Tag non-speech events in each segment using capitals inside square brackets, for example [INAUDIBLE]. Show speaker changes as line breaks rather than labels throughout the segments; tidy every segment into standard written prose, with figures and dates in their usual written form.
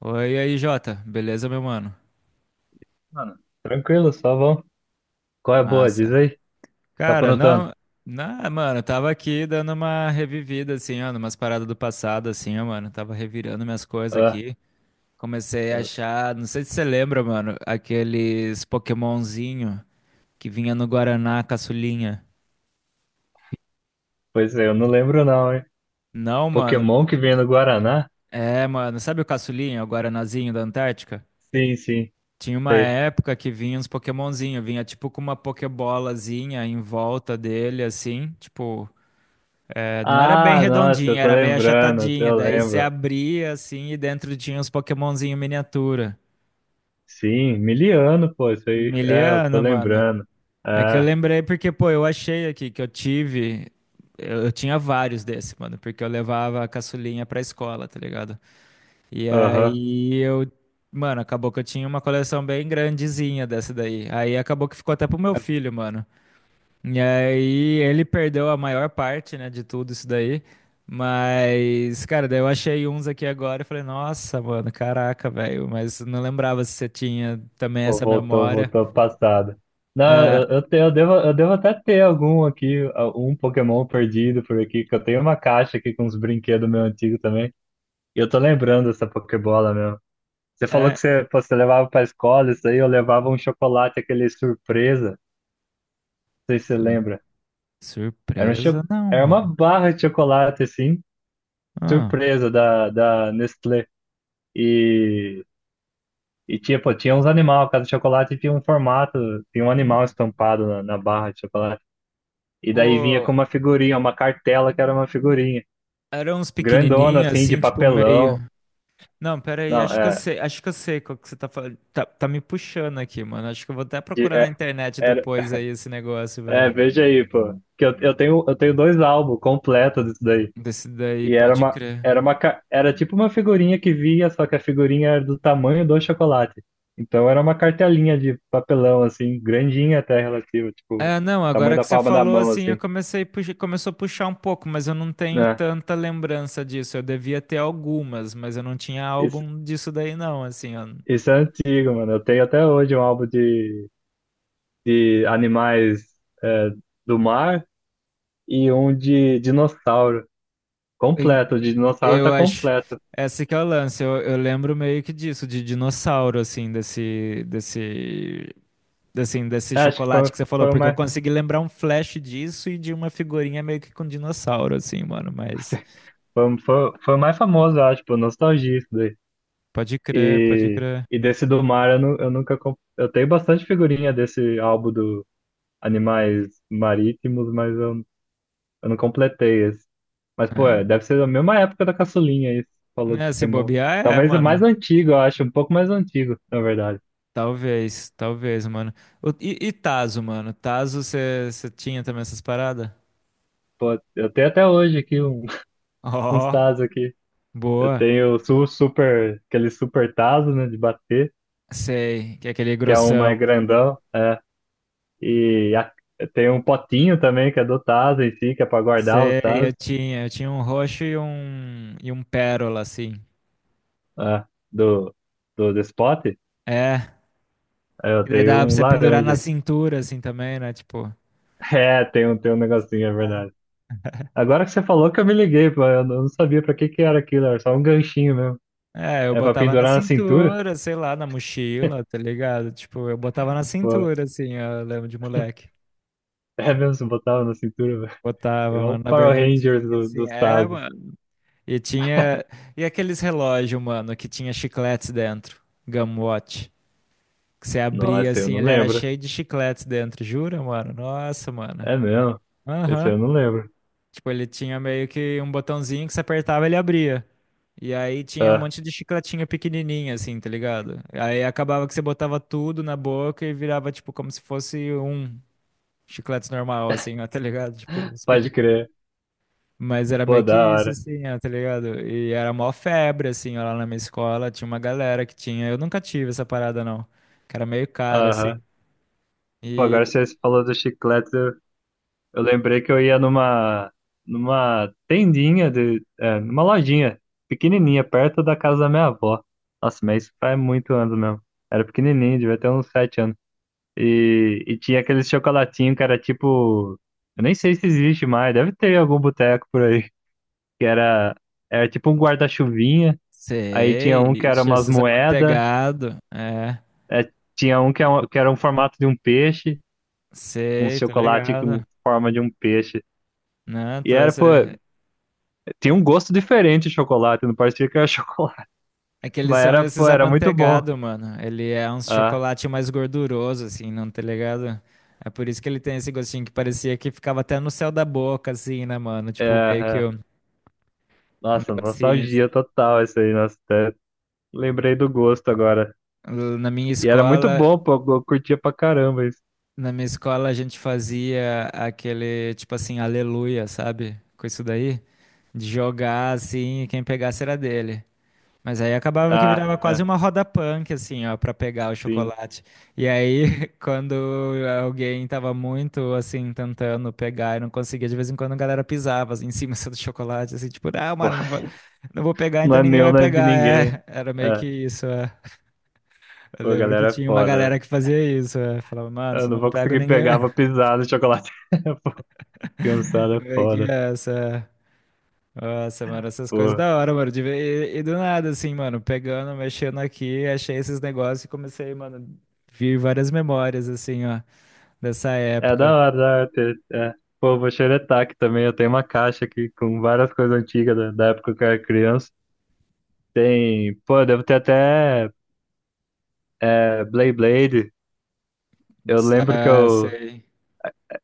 Oi, e aí, Jota. Beleza, meu mano?
Mano, tranquilo, só vão. Qual é a boa? Diz
Massa.
aí. Tá
Cara,
aprontando?
não, não, mano, eu tava aqui dando uma revivida, assim, ó, numas paradas do passado, assim, ó, mano. Tava revirando minhas coisas
Ah,
aqui. Comecei a achar, não sei se você lembra, mano, aqueles Pokémonzinho que vinha no Guaraná, caçulinha.
pois é, eu não lembro não, hein?
Não, mano.
Pokémon que vem no Guaraná?
É, mano, sabe o caçulinha, o Guaranazinho da Antártica?
Sim, sim,
Tinha uma
sei.
época que vinha uns Pokémonzinho, vinha tipo com uma Pokébolazinha em volta dele, assim, tipo. É, não era bem
Ah, nossa,
redondinha,
eu tô
era meio
lembrando,
achatadinha.
eu
Daí você
lembro.
abria assim e dentro tinha uns Pokémonzinho miniatura.
Sim, miliano, pô, isso aí. É, eu tô
Miliano, mano.
lembrando.
É que eu
É,
lembrei porque, pô, eu achei aqui que eu tive. Eu tinha vários desse, mano, porque eu levava a caçulinha pra escola, tá ligado? E
aham.
aí eu. Mano, acabou que eu tinha uma coleção bem grandezinha dessa daí. Aí acabou que ficou até pro meu filho, mano. E aí ele perdeu a maior parte, né, de tudo isso daí. Mas, cara, daí eu achei uns aqui agora e falei, nossa, mano, caraca, velho. Mas não lembrava se você tinha também
Pô,
essa
voltou,
memória.
voltou pro passado. Não,
É,
eu devo até ter algum aqui, um Pokémon perdido por aqui, que eu tenho uma caixa aqui com uns brinquedos meu antigo também. E eu tô lembrando dessa Pokébola mesmo. Você falou
é.
que você levava para a escola, isso aí eu levava um chocolate, aquele surpresa, não sei se você
sur-
lembra. Era, um cho...
Surpresa? Não,
Era uma
mano.
barra de chocolate, assim,
Ah.
surpresa da Nestlé. E, e tipo, tinha uns animais, cada chocolate tinha um formato, tinha um animal estampado na barra de chocolate. E daí vinha com
Pô,
uma figurinha, uma cartela que era uma figurinha
eram uns
grandona,
pequenininhos,
assim, de
assim, tipo meio.
papelão.
Não, pera aí,
Não,
acho que eu sei, acho que eu sei qual que você tá falando. Tá, tá me puxando aqui, mano. Acho que eu vou até
de-
procurar na
é,
internet
era,
depois aí esse negócio, velho.
veja aí, pô, que eu tenho dois álbuns completos disso daí.
Desse daí,
E era
pode
uma,
crer.
era uma, ca- era tipo uma figurinha que via, só que a figurinha era do tamanho do chocolate. Então era uma cartelinha de papelão, assim, grandinha até relativa, tipo,
É, não,
tamanho
agora
da
que você
palma da
falou
mão,
assim, eu
assim,
comecei, começou a puxar um pouco, mas eu não tenho
né?
tanta lembrança disso. Eu devia ter algumas, mas eu não tinha
Isso,
álbum disso daí, não, assim. Eu,
isso é antigo, mano. Eu tenho até hoje um álbum de animais é, do mar e um de dinossauro.
em-
Completo, o de dinossauro tá
eu acho.
completo.
Esse que é o lance. Eu lembro meio que disso, de dinossauro, assim, desse, assim, desse
É, acho que
chocolate
foi,
que você falou,
foi o
porque eu
mais,
consegui lembrar um flash disso e de uma figurinha meio que com dinossauro, assim, mano. Mas
[LAUGHS] foi o mais famoso, eu acho, por nostalgia isso daí.
pode crer, pode
E,
crer.
e desse do mar eu nunca. Eu tenho bastante figurinha desse álbum do Animais Marítimos, mas eu não completei esse. Mas, pô,
É,
deve ser da mesma época da caçulinha isso, falou do
né, se
Pokémon.
bobear, é,
Talvez o mais
mano.
antigo, eu acho, um pouco mais antigo, na verdade.
Talvez, talvez, mano. O- e Tazo, mano? Tazo, você tinha também essas paradas? [LAUGHS]
Pô, eu tenho até hoje aqui [LAUGHS] uns
Ó,
Tazos aqui. Eu
boa.
tenho o su super, aquele super Tazo, né, de bater,
Sei, que é aquele
que é um
grossão.
mais grandão, é. E a- eu tenho um potinho também, que é do Tazo em si, que é pra guardar os
Sei, eu
Tazos.
tinha. Eu tinha um roxo e um pérola, assim.
Ah, do, do spot?
É,
É,
e
eu
daí
tenho
dava pra
um
você pendurar na
laranja.
cintura, assim, também, né? Tipo,
[LAUGHS] É, tem um negocinho, é verdade. Agora que você falou que eu me liguei, pô, eu não sabia pra que que era aquilo, era só um ganchinho mesmo.
é, eu
É pra
botava na
pendurar na cintura?
cintura, sei lá, na mochila, tá ligado? Tipo, eu botava na
Pô,
cintura, assim, eu lembro de moleque.
[LAUGHS] é mesmo, você botava na cintura, [LAUGHS] velho.
Botava,
Igual o
mano, na
Power Rangers
bermudinha, assim.
dos
É,
Tazos.
mano. E tinha. E aqueles relógios, mano, que tinha chicletes dentro. Gumwatch. Que você abria
Nossa, eu
assim,
não
ele era
lembro.
cheio de chicletes dentro. Jura, mano? Nossa, mano.
É mesmo, esse
Aham.
eu não lembro.
Tipo, ele tinha meio que um botãozinho que você apertava e ele abria. E aí tinha um
Ah,
monte de chicletinho pequenininho, assim, tá ligado? Aí acabava que você botava tudo na boca e virava, tipo, como se fosse um chiclete normal, assim, ó, tá ligado? Tipo, os
pode crer.
Mas era meio
Pô,
que
da
isso,
hora.
assim, ó, tá ligado? E era mó febre, assim, ó, lá na minha escola. Tinha uma galera que tinha. Eu nunca tive essa parada, não. Que era meio cara,
Aham.
assim.
Pô, agora
E
você falou do chiclete, eu lembrei que eu ia numa tendinha numa lojinha pequenininha perto da casa da minha avó. Nossa, mas isso faz muito anos mesmo. Era pequenininho, devia ter uns 7 anos. E tinha aquele chocolatinho que era tipo, eu nem sei se existe mais, deve ter em algum boteco por aí, que era tipo um guarda-chuvinha. Aí tinha
sei,
um que era
ixi,
umas
esses
moedas,
amanteigados. É,
é, tinha um que era, que era um formato de um peixe, um
sei, tô
chocolate com
ligado.
forma de um peixe.
Né?
E
Tô esse...
pô, tinha um gosto diferente de chocolate, não parecia que era [LAUGHS] chocolate.
É que eles
Mas
são
era,
esses
pô, era muito bom.
amanteigados, mano. Ele é um
Ah,
chocolate mais gorduroso, assim, não tá ligado? É por isso que ele tem esse gostinho que parecia que ficava até no céu da boca, assim, né, mano?
é,
Tipo, meio que
é.
um um
Nossa,
negocinho.
nostalgia
Assim.
total isso aí. Nossa. Lembrei do gosto agora.
Na minha
E era muito
escola,
bom, pô, eu curtia pra caramba isso.
na minha escola, a gente fazia aquele, tipo assim, aleluia, sabe? Com isso daí, de jogar assim, e quem pegasse era dele. Mas aí acabava que
Ah,
virava quase
é,
uma roda punk, assim, ó, pra pegar o
sim.
chocolate. E aí, [LAUGHS] quando alguém tava muito, assim, tentando pegar e não conseguia, de vez em quando a galera pisava assim, em cima [LAUGHS] assim, do chocolate, assim, tipo, ah,
Pô, [LAUGHS]
mano, não vou pegar,
não
então
é
ninguém
meu,
vai
não é de
pegar,
ninguém.
é. Era meio que
É,
isso, é. Eu
pô,
lembro que
galera, é
tinha uma
foda,
galera
né?
que fazia isso. é. Falava, mano,
Eu
se eu
não
não
vou
pego
conseguir
ninguém.
pegar, vou pisar no chocolate. [LAUGHS] Pô, cansado
[LAUGHS]
é
vai que
foda.
essa. Nossa, mano, essas coisas
Pô.
da hora, mano. E do nada, assim, mano, pegando, mexendo aqui, achei esses negócios e comecei, mano, vir várias memórias, assim, ó, dessa
É da
época.
hora, da hora. É. Pô, vou xeretar aqui também. Eu tenho uma caixa aqui com várias coisas antigas da época que eu era criança. Tem, pô, devo ter até, Blade Blade. Eu lembro que
Ah,
eu.
sei.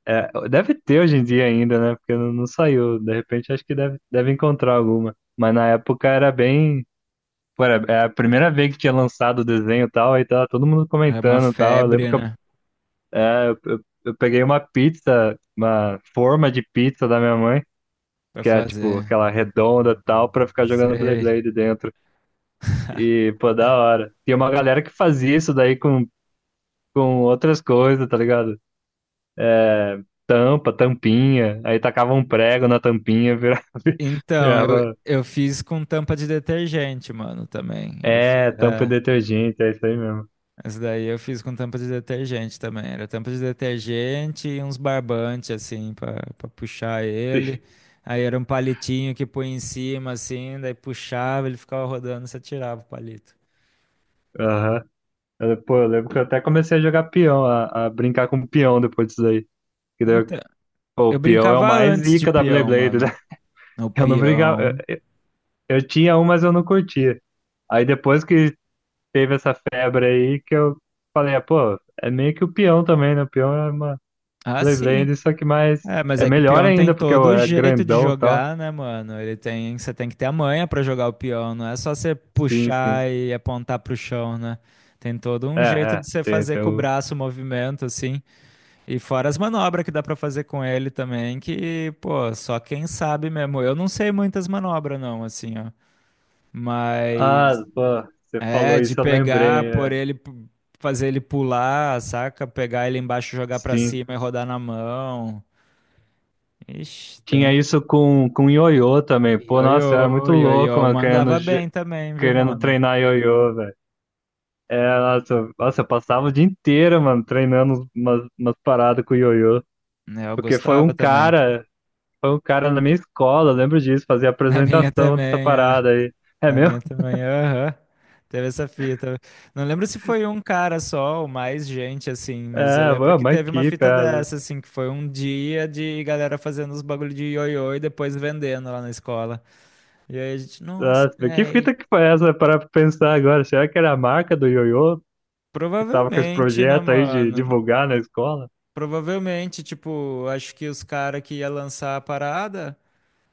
É, deve ter hoje em dia ainda, né? Porque não, não saiu. De repente acho que deve encontrar alguma. Mas na época era bem. Pô, era a primeira vez que tinha lançado o desenho e tal. Aí tava todo mundo
Era uma
comentando e tal. Eu lembro
febre,
que eu,
né?
é, eu peguei uma pizza, uma forma de pizza da minha mãe,
Pra
que é tipo
fazer.
aquela redonda e tal, pra ficar jogando blade
Sei.
blade dentro. E, pô, da hora. Tem uma galera que fazia isso daí com outras coisas, tá ligado? Tampa, tampinha, aí tacava um prego na tampinha, virava, [LAUGHS]
Então, eu,
virava,
eu fiz com tampa de detergente, mano, também. Eu fiz.
é, tampa de detergente, é isso aí mesmo.
Essa daí eu fiz com tampa de detergente também. Era tampa de detergente e uns barbantes, assim, pra puxar
Sim.
ele. Aí era um palitinho que põe em cima, assim, daí puxava, ele ficava rodando, você tirava o palito.
Aham. Pô, eu lembro que eu até comecei a jogar peão, a brincar com peão depois disso aí. Que daí,
Então,
pô,
eu
o peão é o
brincava
mais
antes de
zica da blade
peão,
Blade, né?
mano.
[LAUGHS]
No
Eu não brincava,
peão.
eu tinha um, mas eu não curtia. Aí depois que teve essa febre aí que eu falei, ah, pô, é meio que o peão também, né? O peão é uma
Ah, sim.
Beyblade, só que mais.
É, mas
É
é que o
melhor
peão tem
ainda, porque
todo o
é
jeito de
grandão e tal.
jogar, né, mano? Ele tem, você tem que ter a manha pra jogar o peão, não é só você
Sim, sim.
puxar e apontar pro chão, né? Tem todo um
É,
jeito de
é.
você
Tem,
fazer
tem
com o
o...
braço o movimento, assim, e fora as manobras que dá pra fazer com ele também, que, pô, só quem sabe mesmo. Eu não sei muitas manobras, não, assim, ó.
Ah,
Mas
pô, você falou
é de
isso, eu lembrei,
pegar, por
né?
ele, fazer ele pular, saca? Pegar ele embaixo, jogar pra
Sim.
cima e rodar na mão. Ixi,
Tinha
tem.
isso com ioiô também. Pô,
Ioiô,
nossa, eu era muito louco,
ioiô,
mano, querendo,
mandava
ge-
bem também, viu,
querendo
mano?
treinar ioiô, velho. É, nossa, nossa, eu passava o dia inteiro, mano, treinando umas paradas com ioiô.
Né, eu
Porque foi um
gostava também.
cara. Foi um cara na minha escola, eu lembro disso, fazia
Na minha
apresentação dessa
também, é.
parada aí. É
Na
mesmo?
minha também, aham. Teve essa fita. Não lembro se foi um cara só ou mais gente, assim, mas eu
É,
lembro
foi
que
uma
teve uma
equipe.
fita dessa,
É.
assim, que foi um dia de galera fazendo os bagulho de ioiô e depois vendendo lá na escola. E aí a gente, nossa,
Nossa, que
velho.
fita que foi essa para pensar agora? Será que era a marca do Ioiô que tava com esse
Provavelmente, né,
projeto aí de
mano?
divulgar na escola?
Provavelmente, tipo, acho que os caras que ia lançar a parada.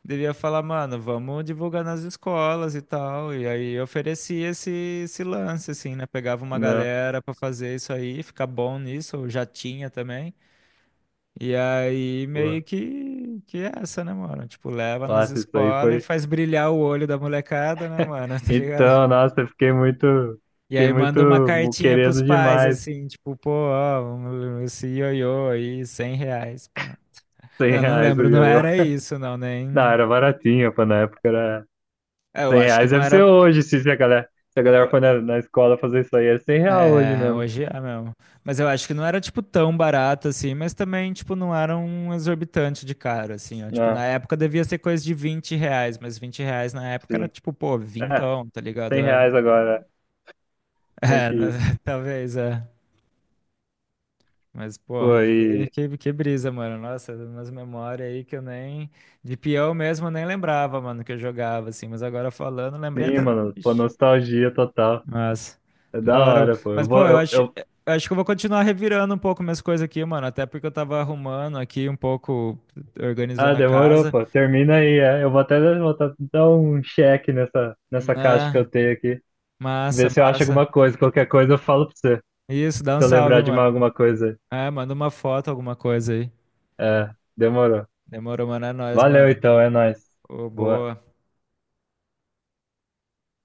Devia falar, mano, vamos divulgar nas escolas e tal. E aí eu oferecia esse, esse lance, assim, né? Pegava uma
Né?
galera pra fazer isso aí, ficar bom nisso, eu já tinha também. E aí
Pô,
meio que é essa, né, mano? Tipo, leva nas
nossa, isso aí
escolas e
foi.
faz brilhar o olho da molecada, né, mano? [LAUGHS] Tá ligado?
Então, nossa, eu fiquei muito,
E
fiquei
aí manda uma
muito
cartinha pros
querendo
pais,
demais.
assim, tipo, pô, ó, esse ioiô aí, 100 reais, pá.
100
Não, não
reais o
lembro, não
Ioiô.
era isso, não,
Não,
nem.
era baratinho, pô, na época era
É, eu
Cem
acho que
reais.
não
Deve ser
era.
hoje, se a galera, se a galera for na escola fazer isso aí, é 100 real hoje
É,
mesmo.
hoje é mesmo. Mas eu acho que não era, tipo, tão barato assim, mas também, tipo, não era um exorbitante de caro, assim, ó. Tipo,
Ah,
na época devia ser coisa de 20 reais, mas 20 reais na época era,
sim.
tipo, pô, vintão, tá ligado?
100
É,
reais agora, meio
é,
que
né,
isso.
[LAUGHS] talvez, é. Mas, pô,
Pô,
que,
aí.
que, que brisa, mano. Nossa, umas memórias aí que eu nem. De peão mesmo eu nem lembrava, mano, que eu jogava, assim. Mas agora falando, lembrei
Sim,
até.
mano. Pô, nostalgia total.
Mas,
É da
da hora.
hora, pô. Eu
Mas, pô,
vou. Eu, eu...
eu acho que eu vou continuar revirando um pouco minhas coisas aqui, mano. Até porque eu tava arrumando aqui um pouco,
Ah,
organizando a
demorou,
casa,
pô. Termina aí, é. Eu vou até dar um check nessa caixa que
né?
eu tenho aqui.
Massa,
Ver se eu acho
massa.
alguma coisa. Qualquer coisa eu falo pra você.
Isso, dá um
Se eu
salve,
lembrar de mais
mano.
alguma coisa.
É, manda uma foto, alguma coisa aí.
É, demorou.
Demorou, mano. É nóis,
Valeu
mano.
então, é nóis.
Ô,
Boa.
boa.